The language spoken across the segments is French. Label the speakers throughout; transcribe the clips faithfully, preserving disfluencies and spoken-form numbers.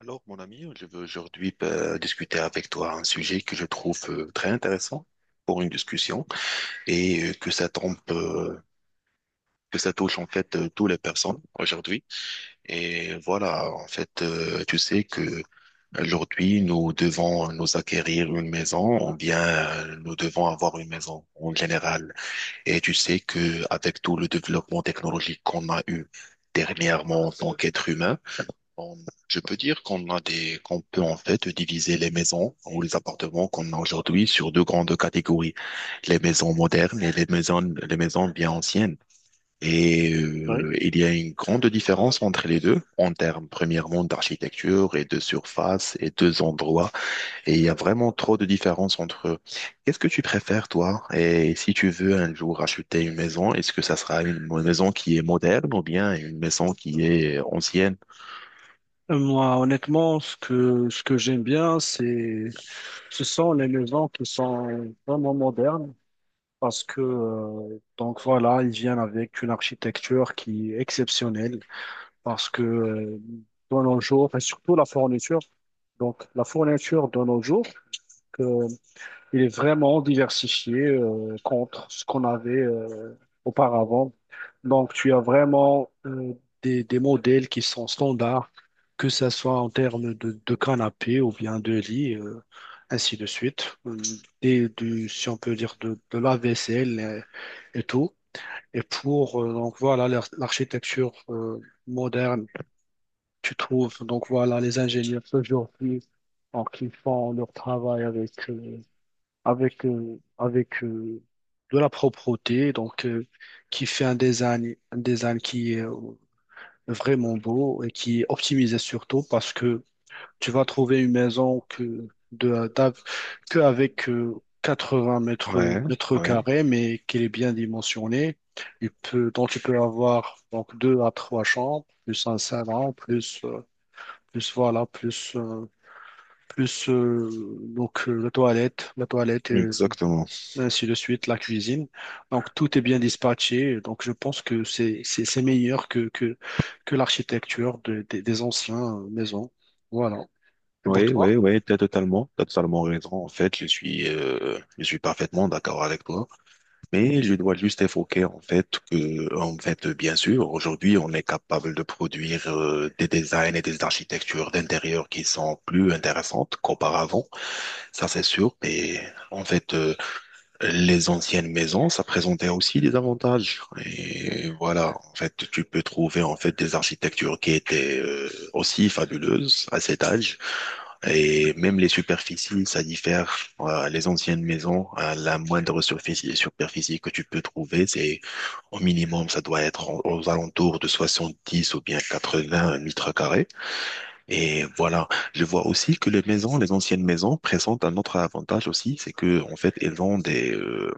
Speaker 1: Alors, mon ami, je veux aujourd'hui euh, discuter avec toi un sujet que je trouve euh, très intéressant pour une discussion et euh, que ça tombe, euh, que ça touche en fait euh, toutes les personnes aujourd'hui. Et voilà, en fait, euh, tu sais que aujourd'hui nous devons nous acquérir une maison ou bien euh, nous devons avoir une maison en général. Et tu sais que avec tout le développement technologique qu'on a eu dernièrement en tant qu'être humain on- je peux dire qu'on a des, qu'on peut en fait diviser les maisons ou les appartements qu'on a aujourd'hui sur deux grandes catégories, les maisons modernes et les maisons, les maisons bien anciennes. Et
Speaker 2: Oui.
Speaker 1: euh, il y a une grande différence entre les deux en termes premièrement d'architecture et de surface et deux endroits. Et il y a vraiment trop de différence entre eux. Qu'est-ce que tu préfères, toi? Et si tu veux un jour acheter une maison, est-ce que ça sera une maison qui est moderne ou bien une maison qui est ancienne?
Speaker 2: Euh, Moi, honnêtement, ce que, ce que j'aime bien, c'est, ce sont les maisons qui sont vraiment modernes parce que, euh, donc voilà, ils viennent avec une architecture qui est exceptionnelle parce que, euh, de nos jours, enfin, surtout la fourniture, donc la fourniture de nos jours, il est vraiment diversifié euh, contre ce qu'on avait euh, auparavant. Donc, tu as vraiment euh, des, des modèles qui sont standards, que ce soit en termes de, de canapé ou bien de lit, euh, ainsi de suite. Euh, et du, si on peut dire, de, de la vaisselle et, et tout. Et pour, euh, donc voilà, l'ar- l'architecture euh, moderne, tu trouves, donc voilà, les ingénieurs aujourd'hui, donc, ils font leur travail avec. euh, avec, euh, avec euh, de la propreté, donc euh, qui fait un design, un design qui est euh, vraiment beau et qui est optimisé surtout parce que tu vas trouver une maison que de d'av- que avec euh, quatre-vingts mètres
Speaker 1: Ouais,
Speaker 2: mètres
Speaker 1: ouais.
Speaker 2: carrés, mais qu'elle est bien dimensionnée. Il peut, donc tu peux avoir donc deux à trois chambres, plus un salon, plus euh, plus voilà, plus euh, plus euh, donc euh, la toilette, la toilette
Speaker 1: Exactement.
Speaker 2: ainsi de suite, la cuisine. Donc, tout est bien dispatché. Donc, je pense que c'est, c'est, c'est meilleur que, que, que l'architecture de- des des anciens euh, maisons. Voilà. Et pour
Speaker 1: Oui,
Speaker 2: toi?
Speaker 1: oui, oui, t'as totalement, t'as totalement raison. En fait, je suis, euh, je suis parfaitement d'accord avec toi. Mais je dois juste évoquer, en fait, que, en fait, bien sûr, aujourd'hui, on est capable de produire, euh, des designs et des architectures d'intérieur qui sont plus intéressantes qu'auparavant. Ça, c'est sûr. Mais, en fait, euh, les anciennes maisons, ça présentait aussi des avantages. Et voilà. En fait, tu peux trouver, en fait, des architectures qui étaient, euh, aussi fabuleuses à cet âge. Et même les superficies, ça diffère. Euh, les anciennes maisons, euh, la moindre surfici- superficie que tu peux trouver, c'est au minimum, ça doit être en- aux alentours de soixante-dix ou bien quatre-vingts mètres carrés. Et voilà, je vois aussi que les maisons, les anciennes maisons, présentent un autre avantage aussi, c'est que en fait, elles ont des, euh,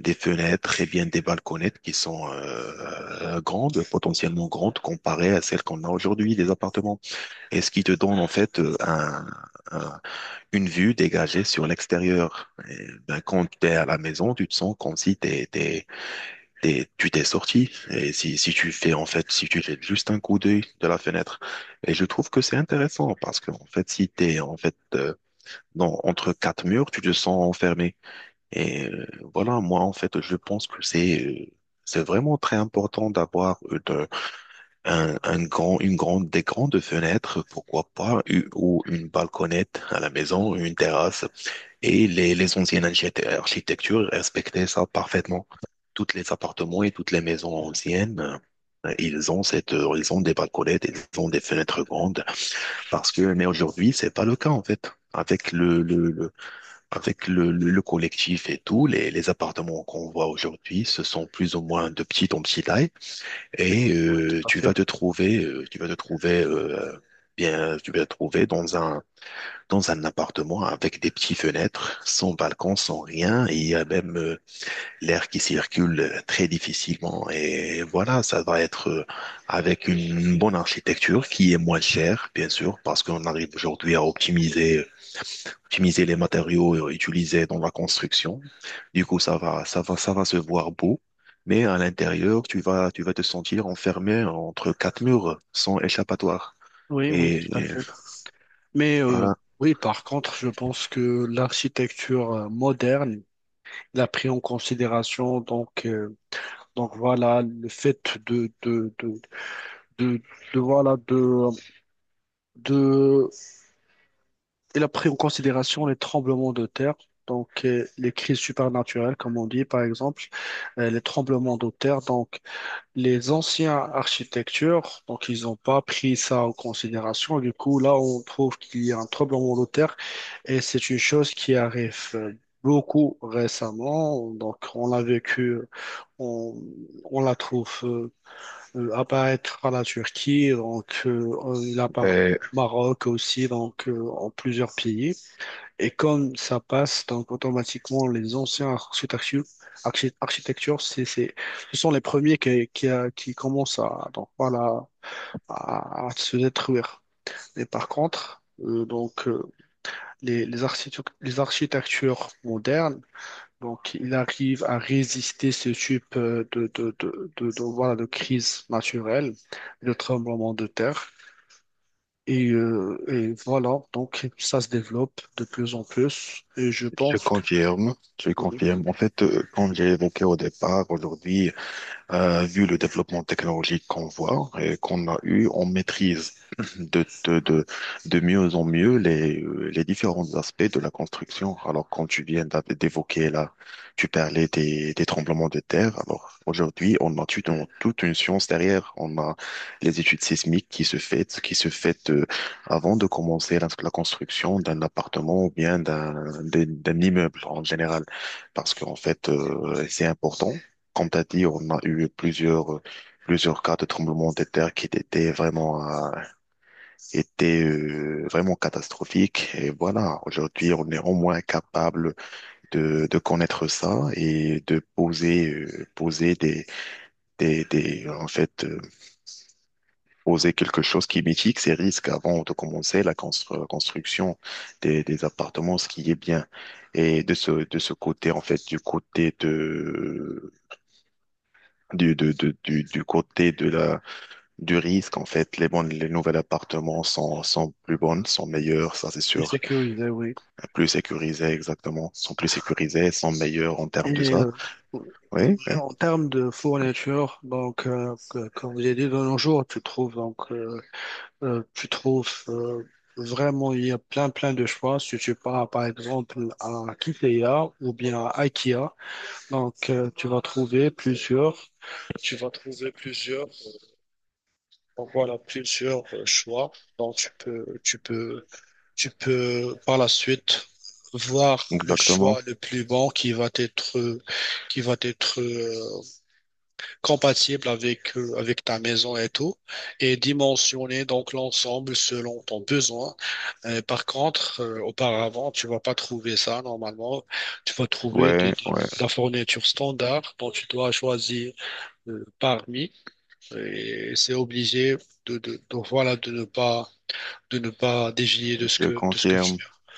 Speaker 1: des fenêtres et bien des balconnettes qui sont euh, grandes, potentiellement grandes, comparées à celles qu'on a aujourd'hui, des appartements. Et ce qui te donne en fait euh, un une vue dégagée sur l'extérieur. Et, ben, quand tu es à la maison, tu te sens comme si t'es, t'es, t'es- tu t'es sorti. Et si, si tu fais, en fait, si tu jettes juste un coup d'œil de la fenêtre. Et je trouve que c'est intéressant parce que, en fait, si t'es, en fait, euh, dans- entre quatre murs, tu te sens enfermé. Et euh, voilà, moi, en fait, je pense que c'est, euh, c'est vraiment très important d'avoir euh, de- un, un grand, une grande, des grandes fenêtres, pourquoi pas, u- ou une balconnette à la maison, une terrasse et les, les anciennes archite- architectures respectaient ça parfaitement. Toutes les appartements et toutes les maisons anciennes, euh, ils ont cette, euh, ils ont des balconnettes, ils ont des fenêtres grandes. Parce que, mais aujourd'hui, c'est pas le cas, en fait. Avec le, le, le- avec le, le, le collectif et tout, les, les appartements qu'on voit aujourd'hui, ce sont plus ou moins de petite en petite taille. Et
Speaker 2: Oui,
Speaker 1: euh,
Speaker 2: tout à
Speaker 1: tu
Speaker 2: fait.
Speaker 1: vas te trouver, euh, tu vas te trouver, euh, bien, tu vas te trouver dans un dans un appartement avec des petites fenêtres, sans balcon, sans rien. Et il y a même euh, l'air qui circule euh, très difficilement. Et voilà, ça va être euh, avec une bonne architecture qui est moins chère, bien sûr, parce qu'on arrive aujourd'hui à optimiser, optimiser les matériaux euh, utilisés dans la construction. Du coup, ça va, ça va, ça va se voir beau. Mais à l'intérieur, tu vas, tu vas te sentir enfermé entre quatre murs sans échappatoire.
Speaker 2: Oui, oui,
Speaker 1: Et,
Speaker 2: tout à
Speaker 1: et
Speaker 2: fait. Mais euh,
Speaker 1: voilà.
Speaker 2: oui, par contre, je pense que l'architecture euh, moderne l'a pris en considération donc euh, donc voilà le fait de de de, de- de, voilà de de il a pris en considération les tremblements de terre, donc euh, les crises supernaturelles, comme on dit par exemple, euh, les tremblements de terre. Donc les anciens architectures, donc ils n'ont pas pris ça en considération. Du coup, là, on trouve qu'il y a un tremblement de terre et c'est une chose qui arrive euh, beaucoup récemment, donc on l'a vécu, on, on la trouve euh, euh, apparaître à la Turquie, donc euh, il apparaît au Maroc aussi, donc euh, en plusieurs pays. Et comme ça passe, donc automatiquement, les anciens architectures, archi- architectures c'est, c'est, ce sont les premiers qui, qui, a- qui commencent à, donc, voilà, à, à se détruire. Et par contre, euh, donc, euh, les, les, architectures, les architectures modernes, donc, ils arrivent à résister ce type euh, de, de, de, de, de, voilà, de crise naturelle, de tremblement de terre. Et, euh, et voilà, donc ça se développe de plus en plus. Et je
Speaker 1: Je
Speaker 2: pense que...
Speaker 1: confirme, je
Speaker 2: Oui.
Speaker 1: confirme. En fait, euh, comme j'ai évoqué au départ, aujourd'hui, euh, vu le développement technologique qu'on voit et qu'on a eu, on maîtrise de, de, de, de mieux en mieux les, euh, les différents aspects de la construction. Alors, quand tu viens d'a- d'évoquer là, tu parlais des, des tremblements de terre. Alors, aujourd'hui, on a toute, on- toute une science derrière. On a les études sismiques qui se fait, qui se fait euh, avant de commencer la, la construction d'un appartement ou bien d'un, d'un d'un immeuble en général. Parce qu'en fait, euh, c'est important comme t'as dit, on a eu plusieurs, euh, plusieurs cas de tremblements de terre qui étaient vraiment, euh, étaient, euh, vraiment catastrophiques. Et voilà, aujourd'hui, on est au moins capable de, de connaître ça et de poser, euh, poser des, des, des, en fait, euh, poser quelque chose qui mitique ces risques avant de commencer la constru- construction des, des appartements, ce qui est bien. Et de ce, de ce côté, en fait, du côté de, du, de, de- du, du côté de la, du risque, en fait. Les bonnes, les nouveaux appartements sont, sont plus bonnes, sont meilleurs, ça c'est
Speaker 2: Plus
Speaker 1: sûr.
Speaker 2: sécurisé, oui.
Speaker 1: Plus sécurisés, exactement. Sont plus sécurisés, sont meilleurs en termes de
Speaker 2: Et
Speaker 1: ça.
Speaker 2: euh,
Speaker 1: Oui, oui,
Speaker 2: en termes de fourniture, donc, euh, que- comme j'ai dit de nos jours, tu trouves, donc, euh, euh, tu trouves euh, vraiment, il y a plein, plein de choix. Si tu pars, par exemple, à Ikea ou bien à IKEA, donc, euh, tu vas trouver plusieurs, tu vas trouver plusieurs, donc, voilà, plusieurs euh, choix. Donc, tu peux, tu peux tu peux par la suite voir le choix
Speaker 1: exactement.
Speaker 2: le plus bon qui va être, qui va être euh, compatible avec, euh, avec ta maison et tout, et dimensionner donc l'ensemble selon ton besoin. Euh, par contre, euh, auparavant, tu vas pas trouver ça normalement. Tu vas trouver
Speaker 1: Ouais,
Speaker 2: du- du- de
Speaker 1: ouais,
Speaker 2: la fourniture standard dont tu dois choisir euh, parmi, et c'est obligé de, de, de- voilà, de ne pas, de ne pas dévier de ce
Speaker 1: je
Speaker 2: que, de ce que tu
Speaker 1: confirme.
Speaker 2: as.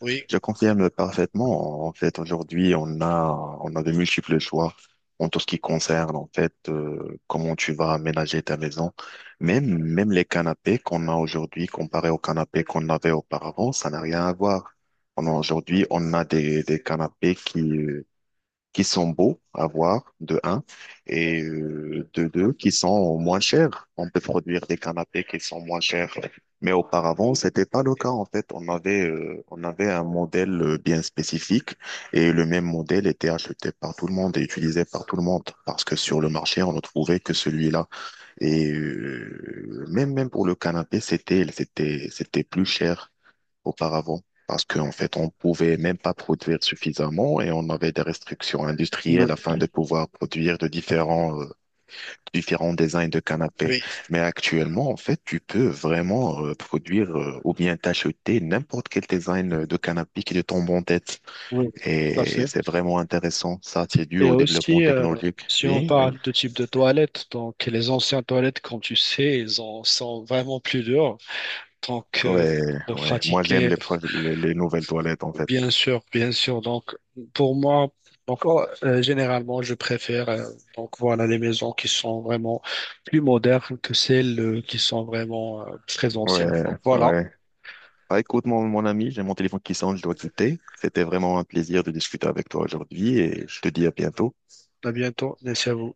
Speaker 2: Oui,
Speaker 1: Je confirme parfaitement. En fait, aujourd'hui, on a, on a de multiples choix en tout ce qui concerne, en fait, euh, comment tu vas aménager ta maison. Même, même les canapés qu'on a aujourd'hui, comparés aux canapés qu'on avait auparavant, ça n'a rien à voir. On a- Aujourd'hui, on a des, des canapés qui, euh, qui sont beaux à voir, de un, et euh, de deux, qui sont moins chers. On peut produire des canapés qui sont moins chers. Mais auparavant, c'était pas le cas, en fait. On avait, euh, on avait un modèle euh, bien spécifique et le même modèle était acheté par tout le monde et utilisé par tout le monde parce que sur le marché, on ne trouvait que celui-là. Et euh, même, même pour le canapé, c'était, c'était, c'était plus cher auparavant parce qu'en fait, on pouvait même pas produire suffisamment et on avait des restrictions
Speaker 2: oui,
Speaker 1: industrielles afin de pouvoir produire de différents, euh, différents designs de canapés.
Speaker 2: oui,
Speaker 1: Mais actuellement, en fait, tu peux vraiment euh, produire euh, ou bien t'acheter n'importe quel design euh, de canapé qui te tombe en tête.
Speaker 2: oui, tout à
Speaker 1: Et
Speaker 2: fait.
Speaker 1: c'est vraiment intéressant. Ça, c'est dû
Speaker 2: Et
Speaker 1: au développement
Speaker 2: aussi, euh,
Speaker 1: technologique.
Speaker 2: si on
Speaker 1: Oui, oui.
Speaker 2: parle de type de toilette, donc les anciennes toilettes, comme tu sais, elles en sont vraiment plus dures. Donc, euh,
Speaker 1: Ouais,
Speaker 2: pour
Speaker 1: ouais. Moi, j'aime
Speaker 2: pratiquer,
Speaker 1: les, pro- les, les nouvelles toilettes, en fait.
Speaker 2: bien sûr, bien sûr. Donc, pour moi, donc, oh, euh, généralement, je préfère euh, donc voilà les maisons qui sont vraiment plus modernes que celles euh, qui sont vraiment euh, très anciennes.
Speaker 1: Ouais,
Speaker 2: Donc voilà,
Speaker 1: ouais. Ah, écoute, mon, mon ami, j'ai mon téléphone qui sonne, je dois quitter. C'était vraiment un plaisir de discuter avec toi aujourd'hui et je te dis à bientôt.
Speaker 2: à bientôt, merci à vous.